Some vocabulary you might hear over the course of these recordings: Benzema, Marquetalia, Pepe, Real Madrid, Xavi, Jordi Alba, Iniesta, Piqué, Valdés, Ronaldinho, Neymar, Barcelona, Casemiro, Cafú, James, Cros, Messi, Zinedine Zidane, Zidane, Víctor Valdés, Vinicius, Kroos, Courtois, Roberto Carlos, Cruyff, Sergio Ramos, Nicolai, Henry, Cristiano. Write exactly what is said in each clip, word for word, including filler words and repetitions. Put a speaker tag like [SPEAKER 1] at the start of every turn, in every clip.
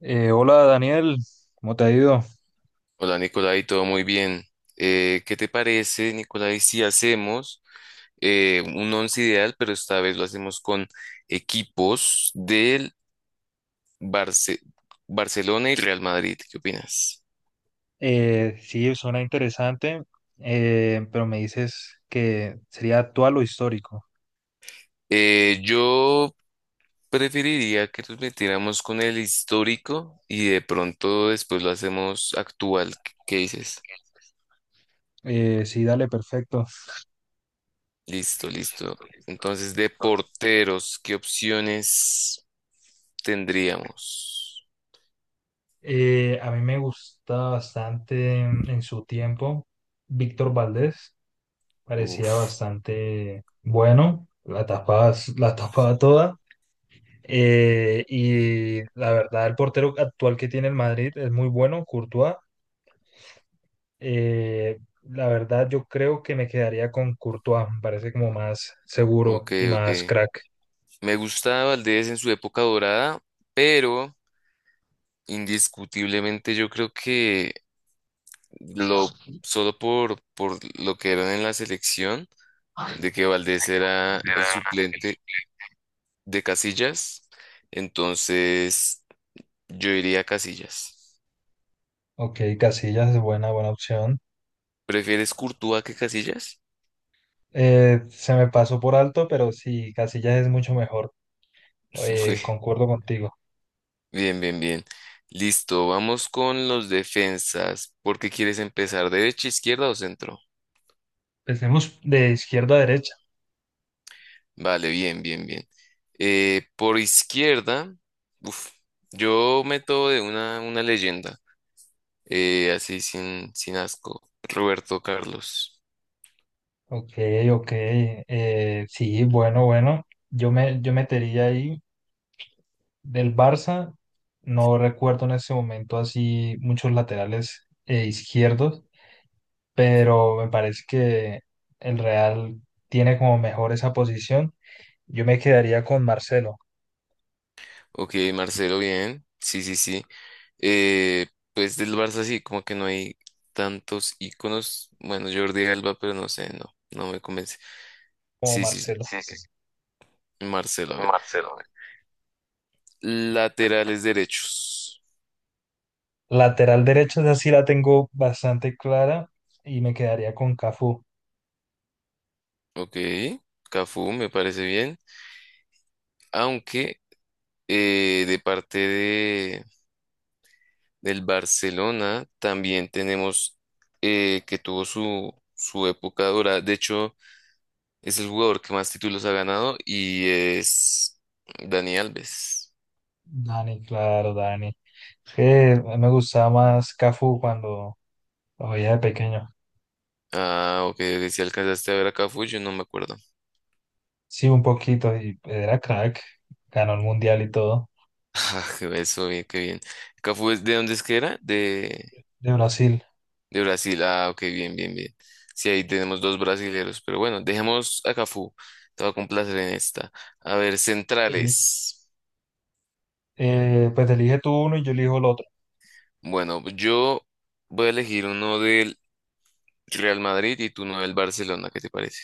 [SPEAKER 1] Eh, hola Daniel, ¿cómo te ha ido?
[SPEAKER 2] Hola Nicolai, todo muy bien. Eh, ¿qué te parece, Nicolai, si hacemos eh, un once ideal, pero esta vez lo hacemos con equipos del Barce- Barcelona y Real Madrid? ¿Qué opinas?
[SPEAKER 1] Eh, sí, suena interesante, eh, pero me dices que sería actual o histórico.
[SPEAKER 2] Eh, yo preferiría que nos metiéramos con el histórico y de pronto después lo hacemos actual. ¿Qué qué dices?
[SPEAKER 1] Eh, sí, dale, perfecto.
[SPEAKER 2] Listo, listo. Entonces, de porteros, ¿qué opciones tendríamos?
[SPEAKER 1] Eh, a mí me gusta bastante en, en su tiempo Víctor Valdés, parecía
[SPEAKER 2] Uf.
[SPEAKER 1] bastante bueno, la tapaba, la tapaba toda. Eh, y la verdad, el portero actual que tiene el Madrid es muy bueno, Courtois. Eh, la verdad, yo creo que me quedaría con Courtois, me parece como más seguro
[SPEAKER 2] Ok,
[SPEAKER 1] y
[SPEAKER 2] ok.
[SPEAKER 1] más crack.
[SPEAKER 2] Me gusta Valdés en su época dorada, pero indiscutiblemente yo creo que lo solo por, por lo que eran en la selección, de que Valdés era el suplente de Casillas, entonces yo iría a Casillas.
[SPEAKER 1] Ok, Casillas es buena, buena opción.
[SPEAKER 2] ¿Prefieres Courtois que Casillas?
[SPEAKER 1] Eh, se me pasó por alto, pero sí, Casillas es mucho mejor.
[SPEAKER 2] Muy
[SPEAKER 1] Eh, concuerdo contigo.
[SPEAKER 2] Bien, bien, bien. Listo, vamos con los defensas. ¿Por qué quieres empezar? ¿Derecha, izquierda o centro?
[SPEAKER 1] Empecemos de izquierda a derecha.
[SPEAKER 2] Vale, bien, bien, bien. Eh, por izquierda, uf, yo meto de una, una leyenda, eh, así sin, sin asco. Roberto Carlos.
[SPEAKER 1] Ok, ok. Eh, sí, bueno, bueno. Yo me, yo metería ahí del Barça. No recuerdo en ese momento así muchos laterales eh, izquierdos. Pero me parece que el Real tiene como mejor esa posición. Yo me quedaría con Marcelo,
[SPEAKER 2] Ok, Marcelo, bien. Sí, sí, sí. Eh, pues del Barça sí, como que no hay tantos íconos. Bueno, Jordi Alba, pero no sé, no, no me convence.
[SPEAKER 1] como
[SPEAKER 2] Sí, sí, sí.
[SPEAKER 1] Marcelo. Sí, sí, sí,
[SPEAKER 2] Marcelo, a ver.
[SPEAKER 1] Marcelo. Güey.
[SPEAKER 2] Laterales derechos.
[SPEAKER 1] Lateral derecho, esa sí la tengo bastante clara y me quedaría con Cafú.
[SPEAKER 2] Ok, Cafú, me parece bien. Aunque Eh, de parte de, del Barcelona también tenemos eh, que tuvo su, su época dura. De hecho, es el jugador que más títulos ha ganado y es Dani Alves.
[SPEAKER 1] Dani, claro, Dani. Es que a mí me gustaba más Cafú cuando lo veía de pequeño.
[SPEAKER 2] Ah, ok, ok, si alcanzaste a ver a Cafú, yo no me acuerdo.
[SPEAKER 1] Sí, un poquito, y era crack. Ganó el mundial y todo,
[SPEAKER 2] Ah, qué eso, bien, qué bien. Cafú, es- ¿de dónde es que era? De,
[SPEAKER 1] de Brasil.
[SPEAKER 2] de Brasil. Ah, ok, bien, bien, bien. Sí, ahí tenemos dos brasileros, pero bueno, dejemos a Cafú. Te va a complacer en esta. A ver,
[SPEAKER 1] Sí.
[SPEAKER 2] centrales.
[SPEAKER 1] Eh, pues elige tú uno y yo elijo el otro.
[SPEAKER 2] Bueno, yo voy a elegir uno del Real Madrid y tú uno del Barcelona, ¿qué te parece?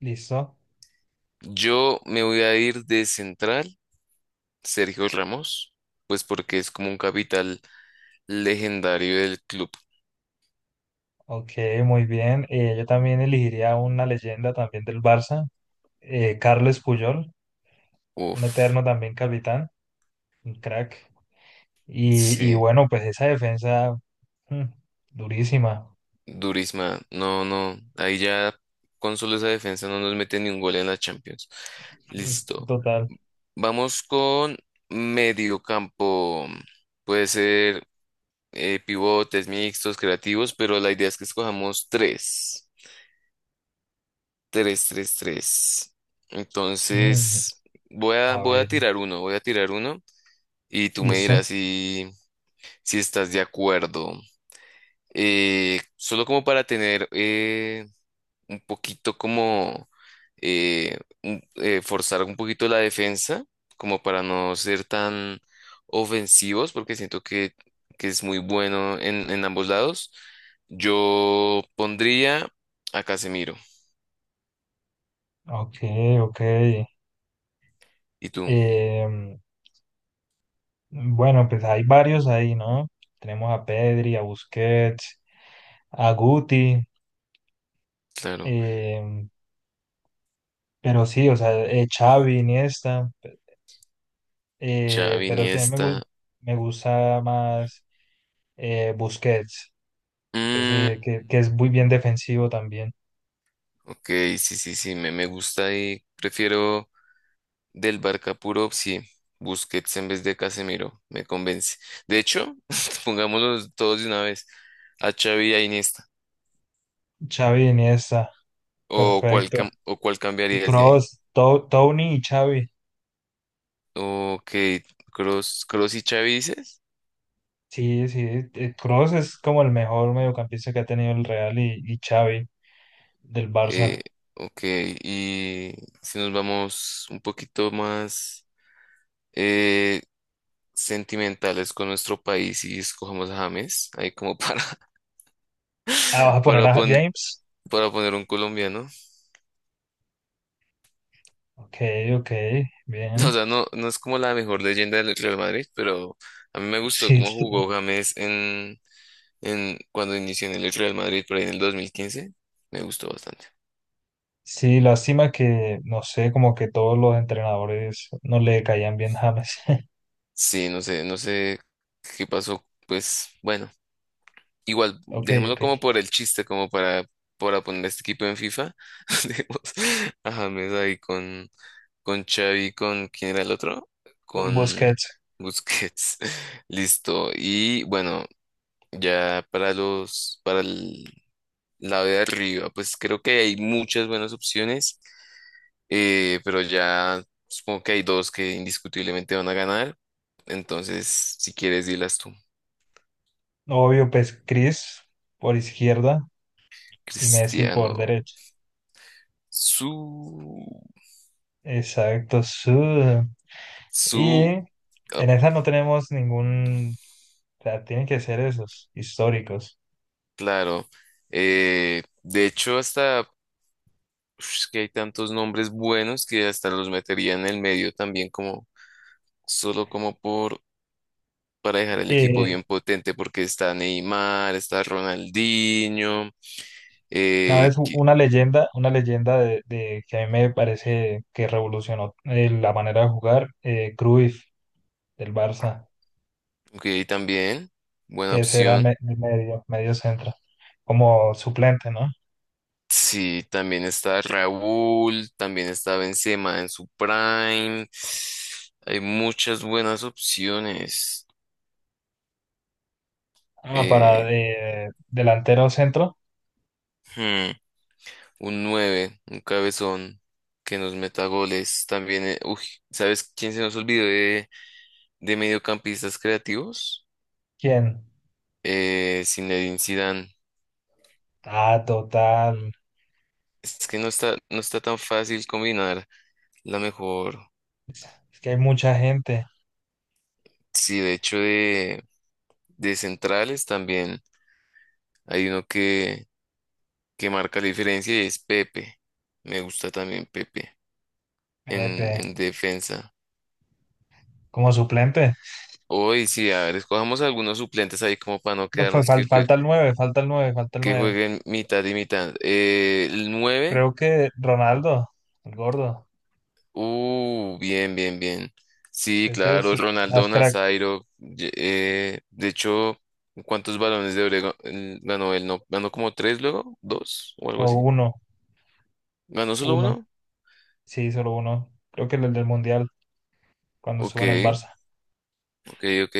[SPEAKER 1] ¿Listo?
[SPEAKER 2] Yo me voy a ir de central, Sergio Ramos, pues porque es como un capital legendario del club.
[SPEAKER 1] Ok, muy bien. Eh, yo también elegiría una leyenda también del Barça, eh, Carles Puyol, un
[SPEAKER 2] Uf,
[SPEAKER 1] eterno también capitán, un crack. Y, y
[SPEAKER 2] sí,
[SPEAKER 1] bueno, pues esa defensa, mm, durísima.
[SPEAKER 2] durísima. No, no, ahí ya con solo esa defensa no nos mete ni un gol en la Champions.
[SPEAKER 1] Mm,
[SPEAKER 2] Listo.
[SPEAKER 1] total.
[SPEAKER 2] Vamos con medio campo. Puede ser eh, pivotes, mixtos, creativos, pero la idea es que escojamos tres. Tres, tres, tres.
[SPEAKER 1] Mm,
[SPEAKER 2] Entonces, voy a,
[SPEAKER 1] a
[SPEAKER 2] voy a
[SPEAKER 1] ver,
[SPEAKER 2] tirar uno, voy a tirar uno y tú me
[SPEAKER 1] listo.
[SPEAKER 2] dirás si, si estás de acuerdo. Eh, solo como para tener eh, un poquito como eh, un- eh, forzar un poquito la defensa, como para no ser tan ofensivos, porque siento que, que es muy bueno en, en ambos lados. Yo pondría a Casemiro.
[SPEAKER 1] Ok, ok.
[SPEAKER 2] ¿Y tú?
[SPEAKER 1] Em, bueno, pues hay varios ahí, ¿no? Tenemos a Pedri, a Busquets, a Guti,
[SPEAKER 2] Claro.
[SPEAKER 1] em, pero sí, o sea, eh, Xavi, Iniesta. Eh,
[SPEAKER 2] Xavi,
[SPEAKER 1] pero sí, a mí me,
[SPEAKER 2] Iniesta.
[SPEAKER 1] gus- me gusta más eh, Busquets,
[SPEAKER 2] Mm,
[SPEAKER 1] ese que, que es muy bien defensivo también.
[SPEAKER 2] ok, sí, sí, sí, me, me gusta y prefiero del Barca puro, sí. Busquets en vez de Casemiro, me convence. De hecho, pongámoslos todos de una vez. a Xavi y a Iniesta?
[SPEAKER 1] Xavi, Iniesta,
[SPEAKER 2] ¿O cuál,
[SPEAKER 1] perfecto.
[SPEAKER 2] cam- o cuál cambiarías de ahí?
[SPEAKER 1] Kroos, To- Tony y Xavi.
[SPEAKER 2] Ok, Cross, Cross y Xavi dices.
[SPEAKER 1] Sí, sí, eh, Kroos es como el mejor mediocampista que ha tenido el Real y, y Xavi del
[SPEAKER 2] Eh,
[SPEAKER 1] Barça.
[SPEAKER 2] ok, y si nos vamos un poquito más eh, sentimentales con nuestro país y escojamos a James, ahí como para,
[SPEAKER 1] Ah, ¿vas a poner
[SPEAKER 2] para,
[SPEAKER 1] a
[SPEAKER 2] pon-
[SPEAKER 1] James?
[SPEAKER 2] para poner un colombiano.
[SPEAKER 1] Ok, ok,
[SPEAKER 2] O
[SPEAKER 1] bien.
[SPEAKER 2] sea, no, no es como la mejor leyenda del Real Madrid, pero a mí me gustó
[SPEAKER 1] Sí,
[SPEAKER 2] cómo
[SPEAKER 1] t-
[SPEAKER 2] jugó James en, en cuando inició en el Real Madrid por ahí en el dos mil quince. Me gustó bastante.
[SPEAKER 1] sí, lástima que, no sé, como que todos los entrenadores no le caían bien James.
[SPEAKER 2] Sí, no sé, no sé qué pasó. Pues bueno, igual,
[SPEAKER 1] Ok,
[SPEAKER 2] dejémoslo
[SPEAKER 1] ok.
[SPEAKER 2] como por el chiste, como para, para poner este equipo en FIFA. Dejemos a James ahí con, con Xavi, con ¿quién era el otro?
[SPEAKER 1] Con
[SPEAKER 2] Con
[SPEAKER 1] Busquets,
[SPEAKER 2] Busquets. Listo. Y bueno, ya para los, para el lado de arriba, pues creo que hay muchas buenas opciones, eh, pero ya supongo que hay dos que indiscutiblemente van a ganar. Entonces, si quieres, dilas tú.
[SPEAKER 1] obvio, pues Chris por izquierda y Messi por
[SPEAKER 2] Cristiano,
[SPEAKER 1] derecha.
[SPEAKER 2] su,
[SPEAKER 1] Exacto, sí. Y
[SPEAKER 2] su, ah,
[SPEAKER 1] en esa no tenemos ningún, o sea, tienen que ser esos históricos.
[SPEAKER 2] claro. Eh, de hecho, hasta uf, es que hay tantos nombres buenos que hasta los metería en el medio también como solo como por para dejar el equipo
[SPEAKER 1] Eh,
[SPEAKER 2] bien potente porque está Neymar, está Ronaldinho, eh,
[SPEAKER 1] ¿Sabes? U-
[SPEAKER 2] que
[SPEAKER 1] Una leyenda, una leyenda de, de que a mí me parece que revolucionó eh, la manera de jugar, eh, Cruyff del Barça,
[SPEAKER 2] que también buena
[SPEAKER 1] que ese era
[SPEAKER 2] opción.
[SPEAKER 1] me- medio, medio centro, como suplente, ¿no?
[SPEAKER 2] Sí, también está Raúl, también está Benzema en su prime. Hay muchas buenas opciones.
[SPEAKER 1] Ah, para
[SPEAKER 2] Eh,
[SPEAKER 1] eh, delantero centro,
[SPEAKER 2] hmm, un nueve un cabezón que nos meta goles. También, eh, uy, ¿sabes quién se nos olvidó de, de mediocampistas creativos?
[SPEAKER 1] ¿quién?
[SPEAKER 2] Eh, Zinedine Zidane.
[SPEAKER 1] Ah, total.
[SPEAKER 2] Es que no está, no está tan fácil combinar la mejor.
[SPEAKER 1] Es que hay mucha gente.
[SPEAKER 2] Sí, de hecho, de, de centrales también hay uno que que marca la diferencia y es Pepe. Me gusta también Pepe en,
[SPEAKER 1] Pepe,
[SPEAKER 2] en defensa.
[SPEAKER 1] como suplente.
[SPEAKER 2] Hoy sí, a ver, escojamos algunos suplentes ahí como para no
[SPEAKER 1] No. Fue
[SPEAKER 2] quedarnos
[SPEAKER 1] fal-
[SPEAKER 2] que, que,
[SPEAKER 1] falta el nueve, falta el nueve, falta el
[SPEAKER 2] que
[SPEAKER 1] nueve.
[SPEAKER 2] jueguen mitad y mitad. Eh, el nueve
[SPEAKER 1] Creo que Ronaldo, el gordo.
[SPEAKER 2] uh, bien, bien, bien. Sí,
[SPEAKER 1] Ese es
[SPEAKER 2] claro,
[SPEAKER 1] más
[SPEAKER 2] Ronaldo
[SPEAKER 1] crack.
[SPEAKER 2] Nazairo. ye- eh, de hecho, ¿cuántos balones de Oro ganó él? ¿No? ¿Ganó como tres luego? ¿Dos? ¿O algo
[SPEAKER 1] O
[SPEAKER 2] así?
[SPEAKER 1] uno,
[SPEAKER 2] ¿Ganó solo
[SPEAKER 1] uno.
[SPEAKER 2] uno?
[SPEAKER 1] Sí, solo uno. Creo que el del Mundial, cuando
[SPEAKER 2] Ok.
[SPEAKER 1] estuvo en el Barça.
[SPEAKER 2] Ok, ok.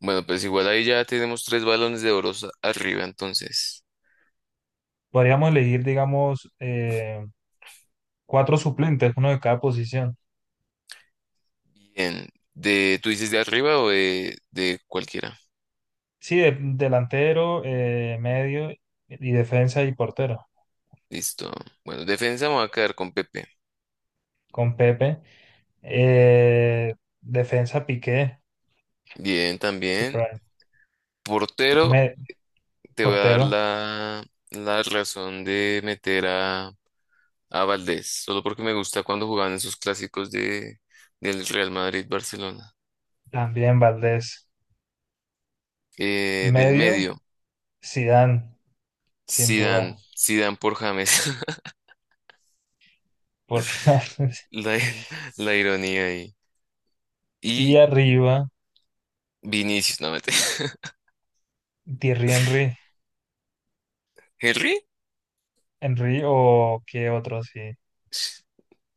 [SPEAKER 2] Bueno, pues igual ahí ya tenemos tres balones de oro arriba, entonces.
[SPEAKER 1] Podríamos elegir, digamos, eh, cuatro suplentes, uno de cada posición.
[SPEAKER 2] Bien. De, ¿tú dices de arriba o de, de cualquiera?
[SPEAKER 1] Sí, de- delantero, eh, medio y defensa y portero.
[SPEAKER 2] Listo. Bueno, defensa me voy a quedar con Pepe.
[SPEAKER 1] Con Pepe. Eh, Defensa Piqué,
[SPEAKER 2] Bien,
[SPEAKER 1] su
[SPEAKER 2] también.
[SPEAKER 1] prime.
[SPEAKER 2] Portero,
[SPEAKER 1] Me-
[SPEAKER 2] te voy a dar
[SPEAKER 1] Portero
[SPEAKER 2] la, la razón de meter a, a Valdés, solo porque me gusta cuando jugaban esos clásicos de, del Real Madrid-Barcelona.
[SPEAKER 1] también Valdés.
[SPEAKER 2] Eh, del
[SPEAKER 1] Medio
[SPEAKER 2] medio,
[SPEAKER 1] Zidane, sin
[SPEAKER 2] Zidane,
[SPEAKER 1] duda.
[SPEAKER 2] Zidane por James.
[SPEAKER 1] Por...
[SPEAKER 2] La, la ironía ahí.
[SPEAKER 1] Y
[SPEAKER 2] Y
[SPEAKER 1] arriba
[SPEAKER 2] Vinicius, no mete.
[SPEAKER 1] Thierry Henry.
[SPEAKER 2] Henry,
[SPEAKER 1] Henry o qué otro, sí.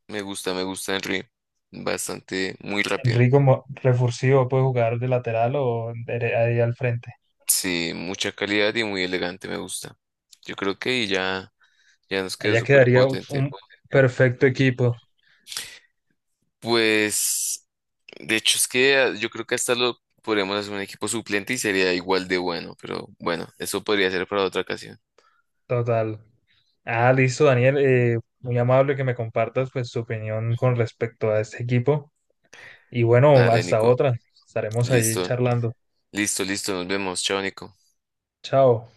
[SPEAKER 2] me gusta, me gusta Henry. Bastante, muy rápido.
[SPEAKER 1] Henry como refursivo puede jugar de lateral o dere- ahí al frente.
[SPEAKER 2] Sí, mucha calidad y muy elegante, me gusta. Yo creo que ahí ya, ya nos quedó
[SPEAKER 1] Allá
[SPEAKER 2] súper
[SPEAKER 1] quedaría un,
[SPEAKER 2] potente.
[SPEAKER 1] un perfecto equipo
[SPEAKER 2] Pues, de hecho, es que ah, yo creo que hasta lo podríamos hacer un equipo suplente y sería igual de bueno, pero bueno, eso podría ser para otra ocasión.
[SPEAKER 1] total. Ah, listo, Daniel. Eh, muy amable que me compartas pues tu opinión con respecto a este equipo. Y bueno,
[SPEAKER 2] Dale,
[SPEAKER 1] hasta
[SPEAKER 2] Nico.
[SPEAKER 1] otra. Estaremos allí
[SPEAKER 2] Listo,
[SPEAKER 1] charlando.
[SPEAKER 2] listo, listo. Nos vemos. Chao, Nico.
[SPEAKER 1] Chao.